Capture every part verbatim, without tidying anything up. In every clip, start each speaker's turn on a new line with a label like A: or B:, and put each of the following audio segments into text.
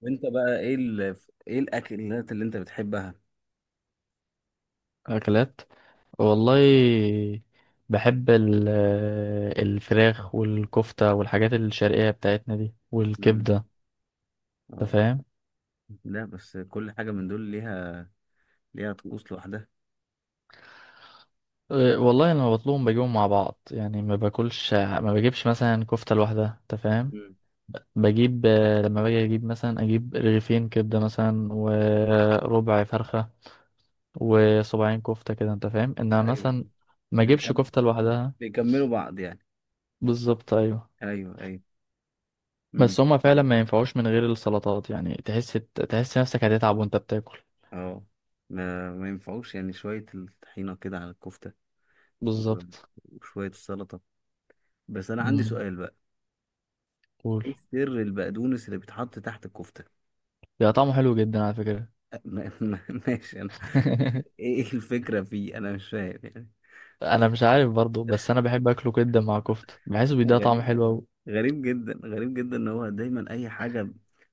A: وانت بقى ايه ال... ايه الاكلات اللي انت بتحبها؟
B: أكلات، والله بحب ال- آه، الفراخ والكفتة والحاجات الشرقية بتاعتنا دي
A: امم.
B: والكبدة. أنت
A: اه.
B: فاهم؟
A: لا بس كل حاجة من دول ليها ليها طقوس لوحدها.
B: أه، والله أنا لما بطلبهم بجيبهم مع بعض، يعني ما باكلش، ما بجيبش مثلا كفتة لوحدها. أنت فاهم؟
A: امم.
B: بجيب آه، لما باجي أجيب مثلا، أجيب رغيفين كبدة مثلا وربع فرخة وصباعين كفتة كده. أنت فاهم إنها
A: ايوه.
B: مثلا ما أجيبش
A: بيكم...
B: كفتة لوحدها.
A: بيكملوا بعض يعني.
B: بالظبط، أيوه.
A: ايوه، ايوه. امم.
B: بس هما فعلا ما ينفعوش من غير السلطات، يعني تحس بت- تحس نفسك هتتعب وانت بتاكل.
A: اه. ما ما ينفعوش، يعني شوية الطحينة كده على الكفتة، و-
B: بالظبط.
A: وشوية السلطة. بس أنا عندي
B: امم.
A: سؤال بقى.
B: قول.
A: إيه سر البقدونس اللي بيتحط تحت الكفتة؟
B: ده طعمه حلو جدا على فكرة.
A: أ- ما- ما- ماشي أنا. إيه الفكرة فيه؟ أنا مش فاهم يعني.
B: انا مش عارف برضو، بس انا بحب اكله جدا مع كفتة، بحسه بيديها طعم
A: غريب.
B: حلو قوي.
A: غريب جدا، غريب جدا ان هو دايما اي حاجه.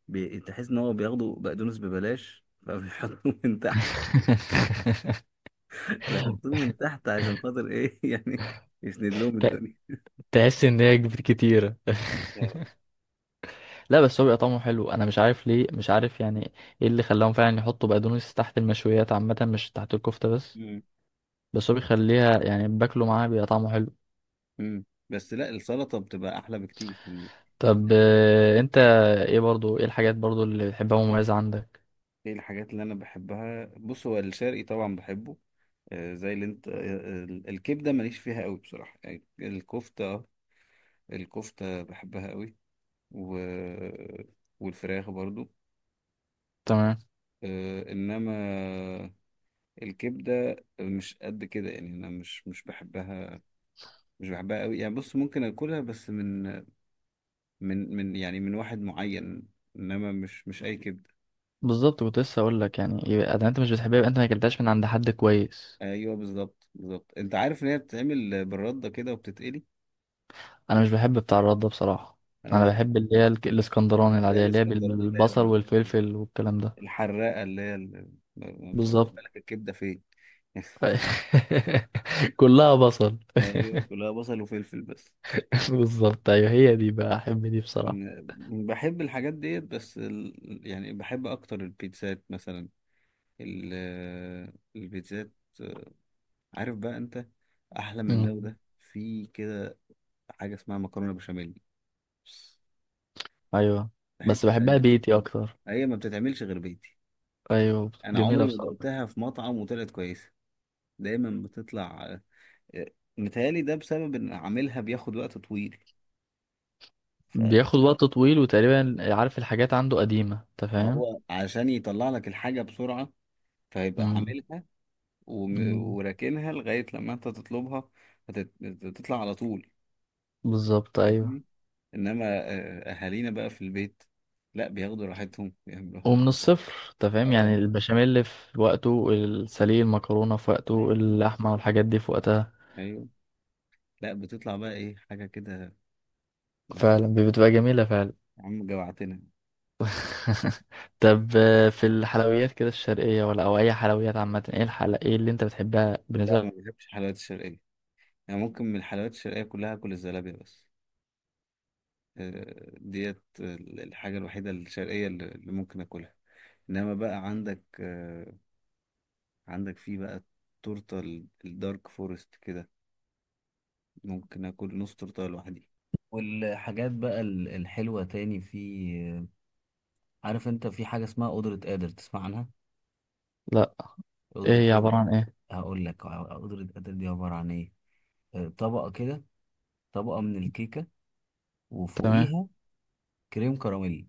A: بي... تحس ان هو بياخدوا بقدونس ببلاش فبيحطوه من تحت. بيحطوه من تحت عشان خاطر ايه؟ يعني يسند لهم
B: ت-
A: الدنيا
B: تحس ان هي كبير كتيرة.
A: يعني.
B: لا، بس هو بيبقى طعمه حلو، انا مش عارف ليه، مش عارف يعني. ايه اللي خلاهم فعلا يحطوا بقدونس تحت المشويات عامة، مش تحت الكفتة بس.
A: مم.
B: بس هو بيخليها يعني باكله معاها بيبقى طعمه حلو.
A: مم. بس لا، السلطه بتبقى احلى بكتير يعني.
B: طب
A: يعني
B: آه، انت ايه برضو، ايه الحاجات برضو اللي بتحبها مميزة عندك؟
A: ايه الحاجات اللي انا بحبها؟ بص هو الشرقي طبعا بحبه. آه، زي اللي انت، آه، ال- الكبده ماليش فيها قوي بصراحه، يعني الكفته، آه، الكفته بحبها قوي. و... والفراخ برضو.
B: تمام.
A: آه، انما الكبدة مش قد كده يعني، أنا مش مش بحبها. مش بحبها قوي يعني. بص، ممكن أكلها بس من من من يعني من واحد معين. إنما مش مش أي كبدة.
B: بالظبط، كنت لسه اقول لك يعني، يبقى اذا انت مش بتحبها يبقى انت ما اكلتهاش من عند حد كويس.
A: أيوه بالظبط، بالظبط أنت عارف إن هي بتتعمل بالردة كده وبتتقلي.
B: انا مش بحب بتاع الرد ده بصراحة. انا
A: اه.
B: بحب اللي هي الك- الاسكندراني
A: اللي هي
B: العادية اللي هي
A: الاسكندراني، اللي هي
B: بالبصل
A: ال-
B: والفلفل والكلام ده.
A: الحراقة، اللي هي ال- ما بتاخدش
B: بالظبط.
A: بالك الكبدة فين.
B: كلها بصل.
A: أيوه، كلها بصل وفلفل بس.
B: بالظبط، ايوه، هي دي بقى احب دي بصراحة.
A: أنا بحب الحاجات ديت، بس ال... يعني بحب أكتر البيتزات مثلا، ال- البيتزات. عارف بقى انت، احلى من ده
B: مم.
A: وده، في كده حاجه اسمها مكرونه بشاميل.
B: ايوه،
A: في
B: بس
A: حته
B: بحبها
A: تانية
B: بيتي اكتر.
A: هي ما بتتعملش غير بيتي.
B: ايوه،
A: انا
B: جميلة
A: عمري ما
B: بصراحة.
A: دقتها في مطعم وطلعت كويسه، دايما بتطلع. آه، متهيألي ده بسبب ان عاملها بياخد وقت طويل. فما
B: بياخد وقت طويل، وتقريبا عارف الحاجات عنده قديمة، انت فاهم.
A: هو عشان يطلع لك الحاجه بسرعه فيبقى
B: مم.
A: عاملها وم-
B: مم.
A: وراكنها لغايه لما انت تطلبها. هتت- هتطلع على طول،
B: بالظبط، ايوه.
A: فاهمني؟ انما آه، اهالينا بقى في البيت، لا بياخدوا راحتهم، بيعملوا هم.
B: ومن الصفر، انت فاهم، يعني
A: اه.
B: البشاميل في وقته، السليق المكرونة في وقته، اللحمة والحاجات دي في وقتها.
A: ايوه. لا بتطلع بقى ايه حاجه كده يعني.
B: فعلا بتبقى جميلة فعلا.
A: يا عم جوعتنا.
B: طب آه، في الحلويات كده الشرقية، ولا أو أي حلويات عامة، ايه الحل، ايه اللي انت بتحبها بالنسبة
A: لا ما
B: لك؟
A: بحبش الحلويات الشرقيه، يعني ممكن من الحلويات الشرقيه كلها اكل الزلابيه بس. آه، ديت الحاجه الوحيده الشرقيه اللي اللي ممكن اكلها. انما بقى عندك آه، عندك فيه بقى التورته، ال- الدارك فورست كده. ممكن اكل نص تورته لوحدي. والحاجات بقى ال- الحلوه تاني، في. عارف انت في حاجة اسمها قدرة قادر؟ تسمع عنها؟
B: لا.
A: قدرة
B: ايه هي
A: قادر.
B: عبارة عن ايه؟
A: هقول لك قدرة قادر دي عبارة عن ايه. آه، طبقة كده، طبقة من الكيكة،
B: تمام.
A: وفوقيها كريم كراميل.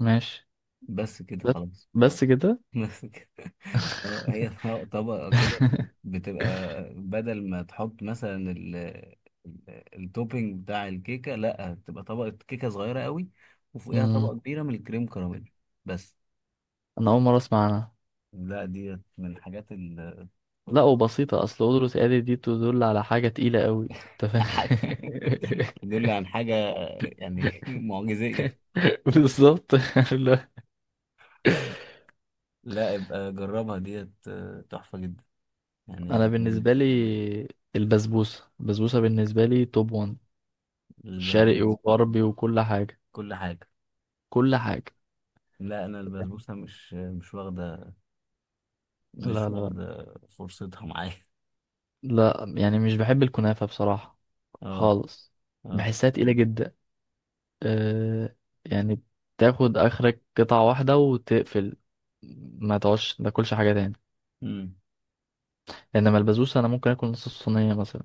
B: ماشي.
A: بس كده
B: بس.
A: خلاص.
B: بس كده.
A: بس كده. آه، هي طبقة طبقة كده بتبقى. بدل ما تحط مثلا ال ال- التوبينج بتاع الكيكة، لا، بتبقى طبقة كيكة صغيرة قوي، وفوقيها
B: مم.
A: طبقة كبيرة من الكريم كراميل بس.
B: أنا أول مرة أسمع عنها.
A: لا، دي من الحاجات.
B: لا وبسيطة، أصل قدرة آلي دي تدل على حاجة تقيلة قوي، أنت فاهم.
A: دول عن حاجة يعني معجزية.
B: بالظبط. لا.
A: لا ابقى جربها ديت، آه، تحفة جدا يعني،
B: أنا
A: هتعجبك.
B: بالنسبة لي، البسبوسة، البسبوسة بالنسبة لي توب ون. شرقي
A: البسبوسة.
B: وغربي وكل حاجة.
A: كل حاجة.
B: كل حاجة.
A: لا أنا البسبوسة مش مش واخدة
B: لا
A: مش
B: لا.
A: واخدة فرصتها معايا.
B: لا يعني مش بحب الكنافة بصراحة.
A: اه.
B: خالص.
A: اه.
B: بحسها تقيلة جدا. أه. يعني تاخد آخرك قطعة واحدة وتقفل. ما تقعدش ما تاكلش حاجة تاني.
A: مم.
B: إنما البسبوسة أنا ممكن آكل نص الصينية مثلا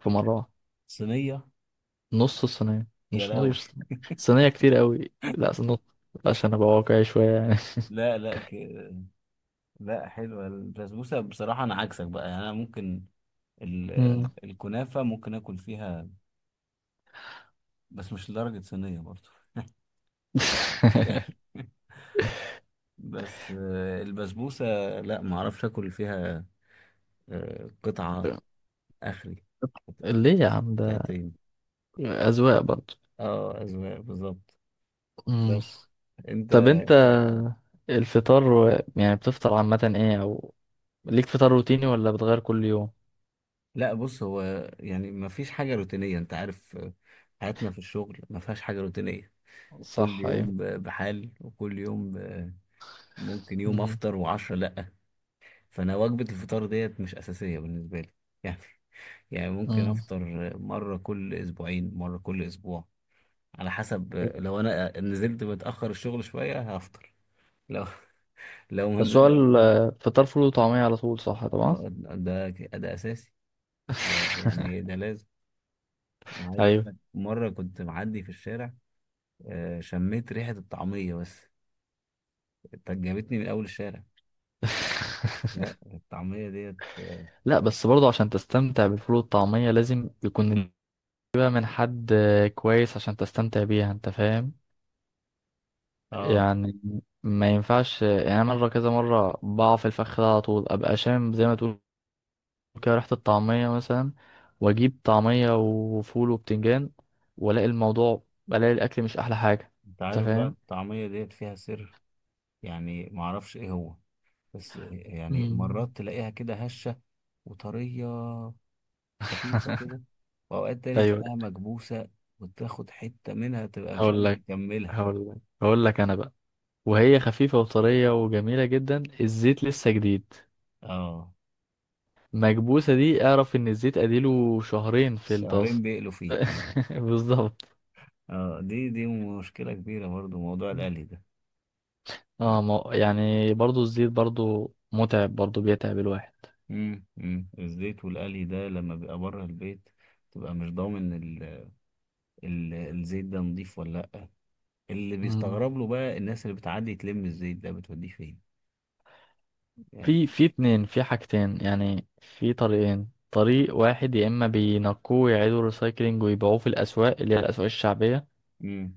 B: في مرة واحدة.
A: صينية.
B: نص الصينية،
A: يا
B: مش نص
A: لهوي.
B: الصينية. الصينية كتير قوي، لا نص. عشان ابقى واقعي شوية يعني.
A: لا، لا، ك... لا حلوة البسبوسة بصراحة، أنا عكسك بقى يعني، أنا ممكن ال...
B: مم.
A: الكنافة ممكن آكل فيها، بس مش لدرجة صينية برضه. بس آه، البسبوسة، لا ما اعرفش اكل فيها، آه، قطعة اخري، قط-
B: ليه يا عم ده؟
A: قطعتين.
B: أذواق برضه.
A: اه، اذواق بالظبط.
B: مم.
A: بس انت.
B: طب انت الفطار و- يعني بتفطر عامة ايه، او ليك فطار روتيني ولا بتغير كل يوم؟
A: لا بص هو، يعني ما فيش حاجة روتينية، انت عارف، آه، حياتنا في الشغل ما فيهاش حاجة روتينية. كل
B: صح، ايوه.
A: يوم ب- بحال، وكل يوم ب- ممكن يوم
B: مم.
A: افطر وعشرة لا. فانا وجبة الفطار ديت مش اساسية بالنسبة لي يعني يعني ممكن
B: مم.
A: افطر مرة كل اسبوعين، مرة كل اسبوع، على حسب. لو انا نزلت متاخر الشغل شويه هفطر، لو لو ما
B: بس هو
A: نزلت.
B: الفطار فول وطعمية على طول، صح طبعا.
A: ده ده اساسي، ده يعني ده لازم. انا عايز اقول
B: ايوه.
A: لك، مره كنت معدي في الشارع، آه، شميت ريحه الطعميه بس، إنت جابتني من اول الشارع. لا الطعميه ديت.
B: لا بس برضه، عشان تستمتع بالفول والطعمية، لازم يكون تجيبها من حد كويس عشان تستمتع بيها، انت فاهم
A: اه.
B: يعني. ما ينفعش، يعني أنا مرة كذا مرة بقع في الفخ ده، على طول ابقى شامم زي ما تقول كده ريحة الطعمية مثلا، واجيب طعمية وفول وبتنجان، والاقي الموضوع، بلاقي الاكل مش احلى حاجة.
A: انت
B: انت
A: عارف بقى
B: فاهم.
A: الطعميه ديت فيها سر، يعني ما اعرفش ايه هو، بس يعني
B: مم.
A: مرات تلاقيها كده هشه وطريه، خفيفة كده، وأوقات تاني
B: ايوه.
A: تلاقيها مكبوسة، وتاخد حتة منها تبقى مش
B: هقول
A: قادر
B: لك،
A: تكملها.
B: هقول لك هقول لك انا بقى، وهي خفيفة وطرية وجميلة جدا، الزيت لسه جديد.
A: اه.
B: مكبوسة دي، اعرف ان الزيت اديله شهرين في
A: شهرين
B: الطاسة.
A: بيقلوا فيه.
B: بالظبط.
A: اه، دي دي مشكلة كبيرة برضو، موضوع القلي ده.
B: اه، ما يعني برضو الزيت برضو متعب، برضو بيتعب الواحد.
A: امم امم الزيت والقلي ده لما بيبقى بره البيت، تبقى مش ضامن ال... ال... الزيت ده نضيف ولا لا. اللي
B: مم.
A: بيستغرب له بقى، الناس اللي بتعدي تلم الزيت ده بتوديه فين يعني.
B: في في اتنين، في حاجتين يعني، في طريقين. طريق واحد، يا اما بينقوه ويعيدوا ريسايكلينج ويبيعوه في الاسواق اللي هي الاسواق الشعبية،
A: امم.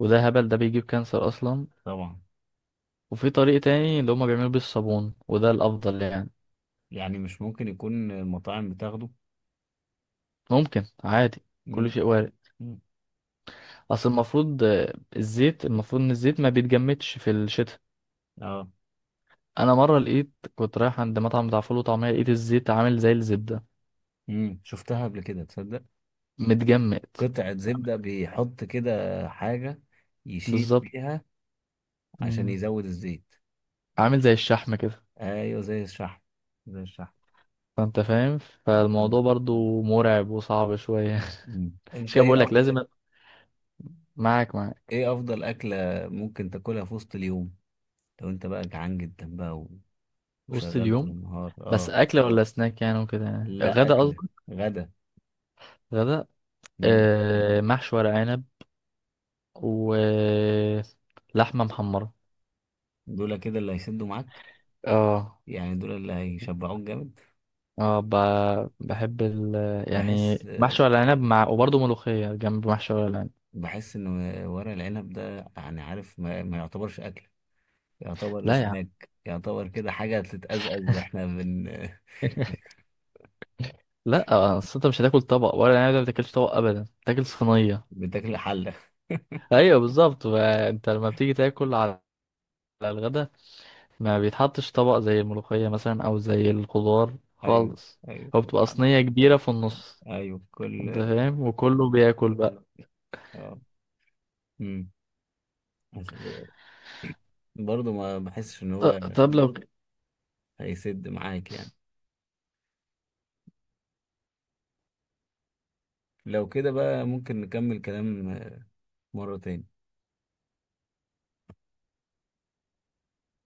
B: وده هبل، ده بيجيب كانسر اصلا.
A: طبعا.
B: وفي طريق تاني اللي هما بيعملوا بيه الصابون، وده الافضل يعني.
A: يعني مش ممكن يكون المطاعم بتاخده.
B: ممكن عادي. كل
A: امم.
B: شيء وارد.
A: امم.
B: اصل المفروض آه، الزيت المفروض ان الزيت ما بيتجمدش في الشتاء.
A: اه.
B: انا مره لقيت، كنت رايح عند مطعم بتاع فول وطعميه، لقيت الزيت عامل زي الزبده،
A: امم. شفتها قبل كده، تصدق؟
B: متجمد.
A: قطعة زبدة بيحط كده، حاجة يشيل
B: بالظبط.
A: بيها عشان
B: مم.
A: يزود الزيت.
B: عامل زي الشحم كده.
A: ايوه زي الشحم، زي الشحم.
B: فانت فاهم،
A: مم.
B: فالموضوع برضو مرعب وصعب شويه.
A: مم.
B: مش
A: انت
B: كده بقول
A: ايه
B: لك،
A: افضل
B: لازم أ- معاك، معاك.
A: ايه افضل اكلة ممكن تاكلها في وسط اليوم، لو انت بقى جعان جدا بقى و-
B: وسط
A: وشغال طول
B: اليوم
A: النهار؟
B: بس
A: اه.
B: اكل ولا سناك يعني وكده، يعني
A: لا
B: غدا
A: اكلة.
B: قصدي؟
A: غدا.
B: غدا.
A: مم.
B: آه محشي ورق عنب ولحمه محمره.
A: دول كده اللي هيسدوا معاك،
B: اه.
A: يعني دول اللي هيشبعوك جامد.
B: اه. ب... بحب ال... يعني
A: بحس
B: محشي ورق العنب مع، وبرضه ملوخية جنب محشي ورق العنب.
A: بحس ان ورق العنب ده، يعني عارف، ما, ما يعتبرش اكل، يعتبر
B: لا يا عم.
A: سناك، يعتبر كده حاجة تتأزأز واحنا بن
B: لا آه، اصل انت مش هتاكل طبق ورق العنب ده، ما بتاكلش طبق ابدا، تاكل صينية.
A: بتاكل حلة.
B: ايوه بالظبط، ما انت لما بتيجي تاكل على، على الغدا، ما بيتحطش طبق زي الملوخية مثلا او زي الخضار
A: أيوه،
B: خالص.
A: أيوه
B: هو بتبقى
A: الحلة،
B: صينية كبيرة في النص.
A: أيوه
B: انت
A: كل.
B: فاهم، وكله بياكل بقى.
A: آه. أمم. بس برضه ما بحسش إن هو
B: ط- طب لو
A: هيسد معاك يعني. لو كده بقى ممكن نكمل كلام مرة تاني.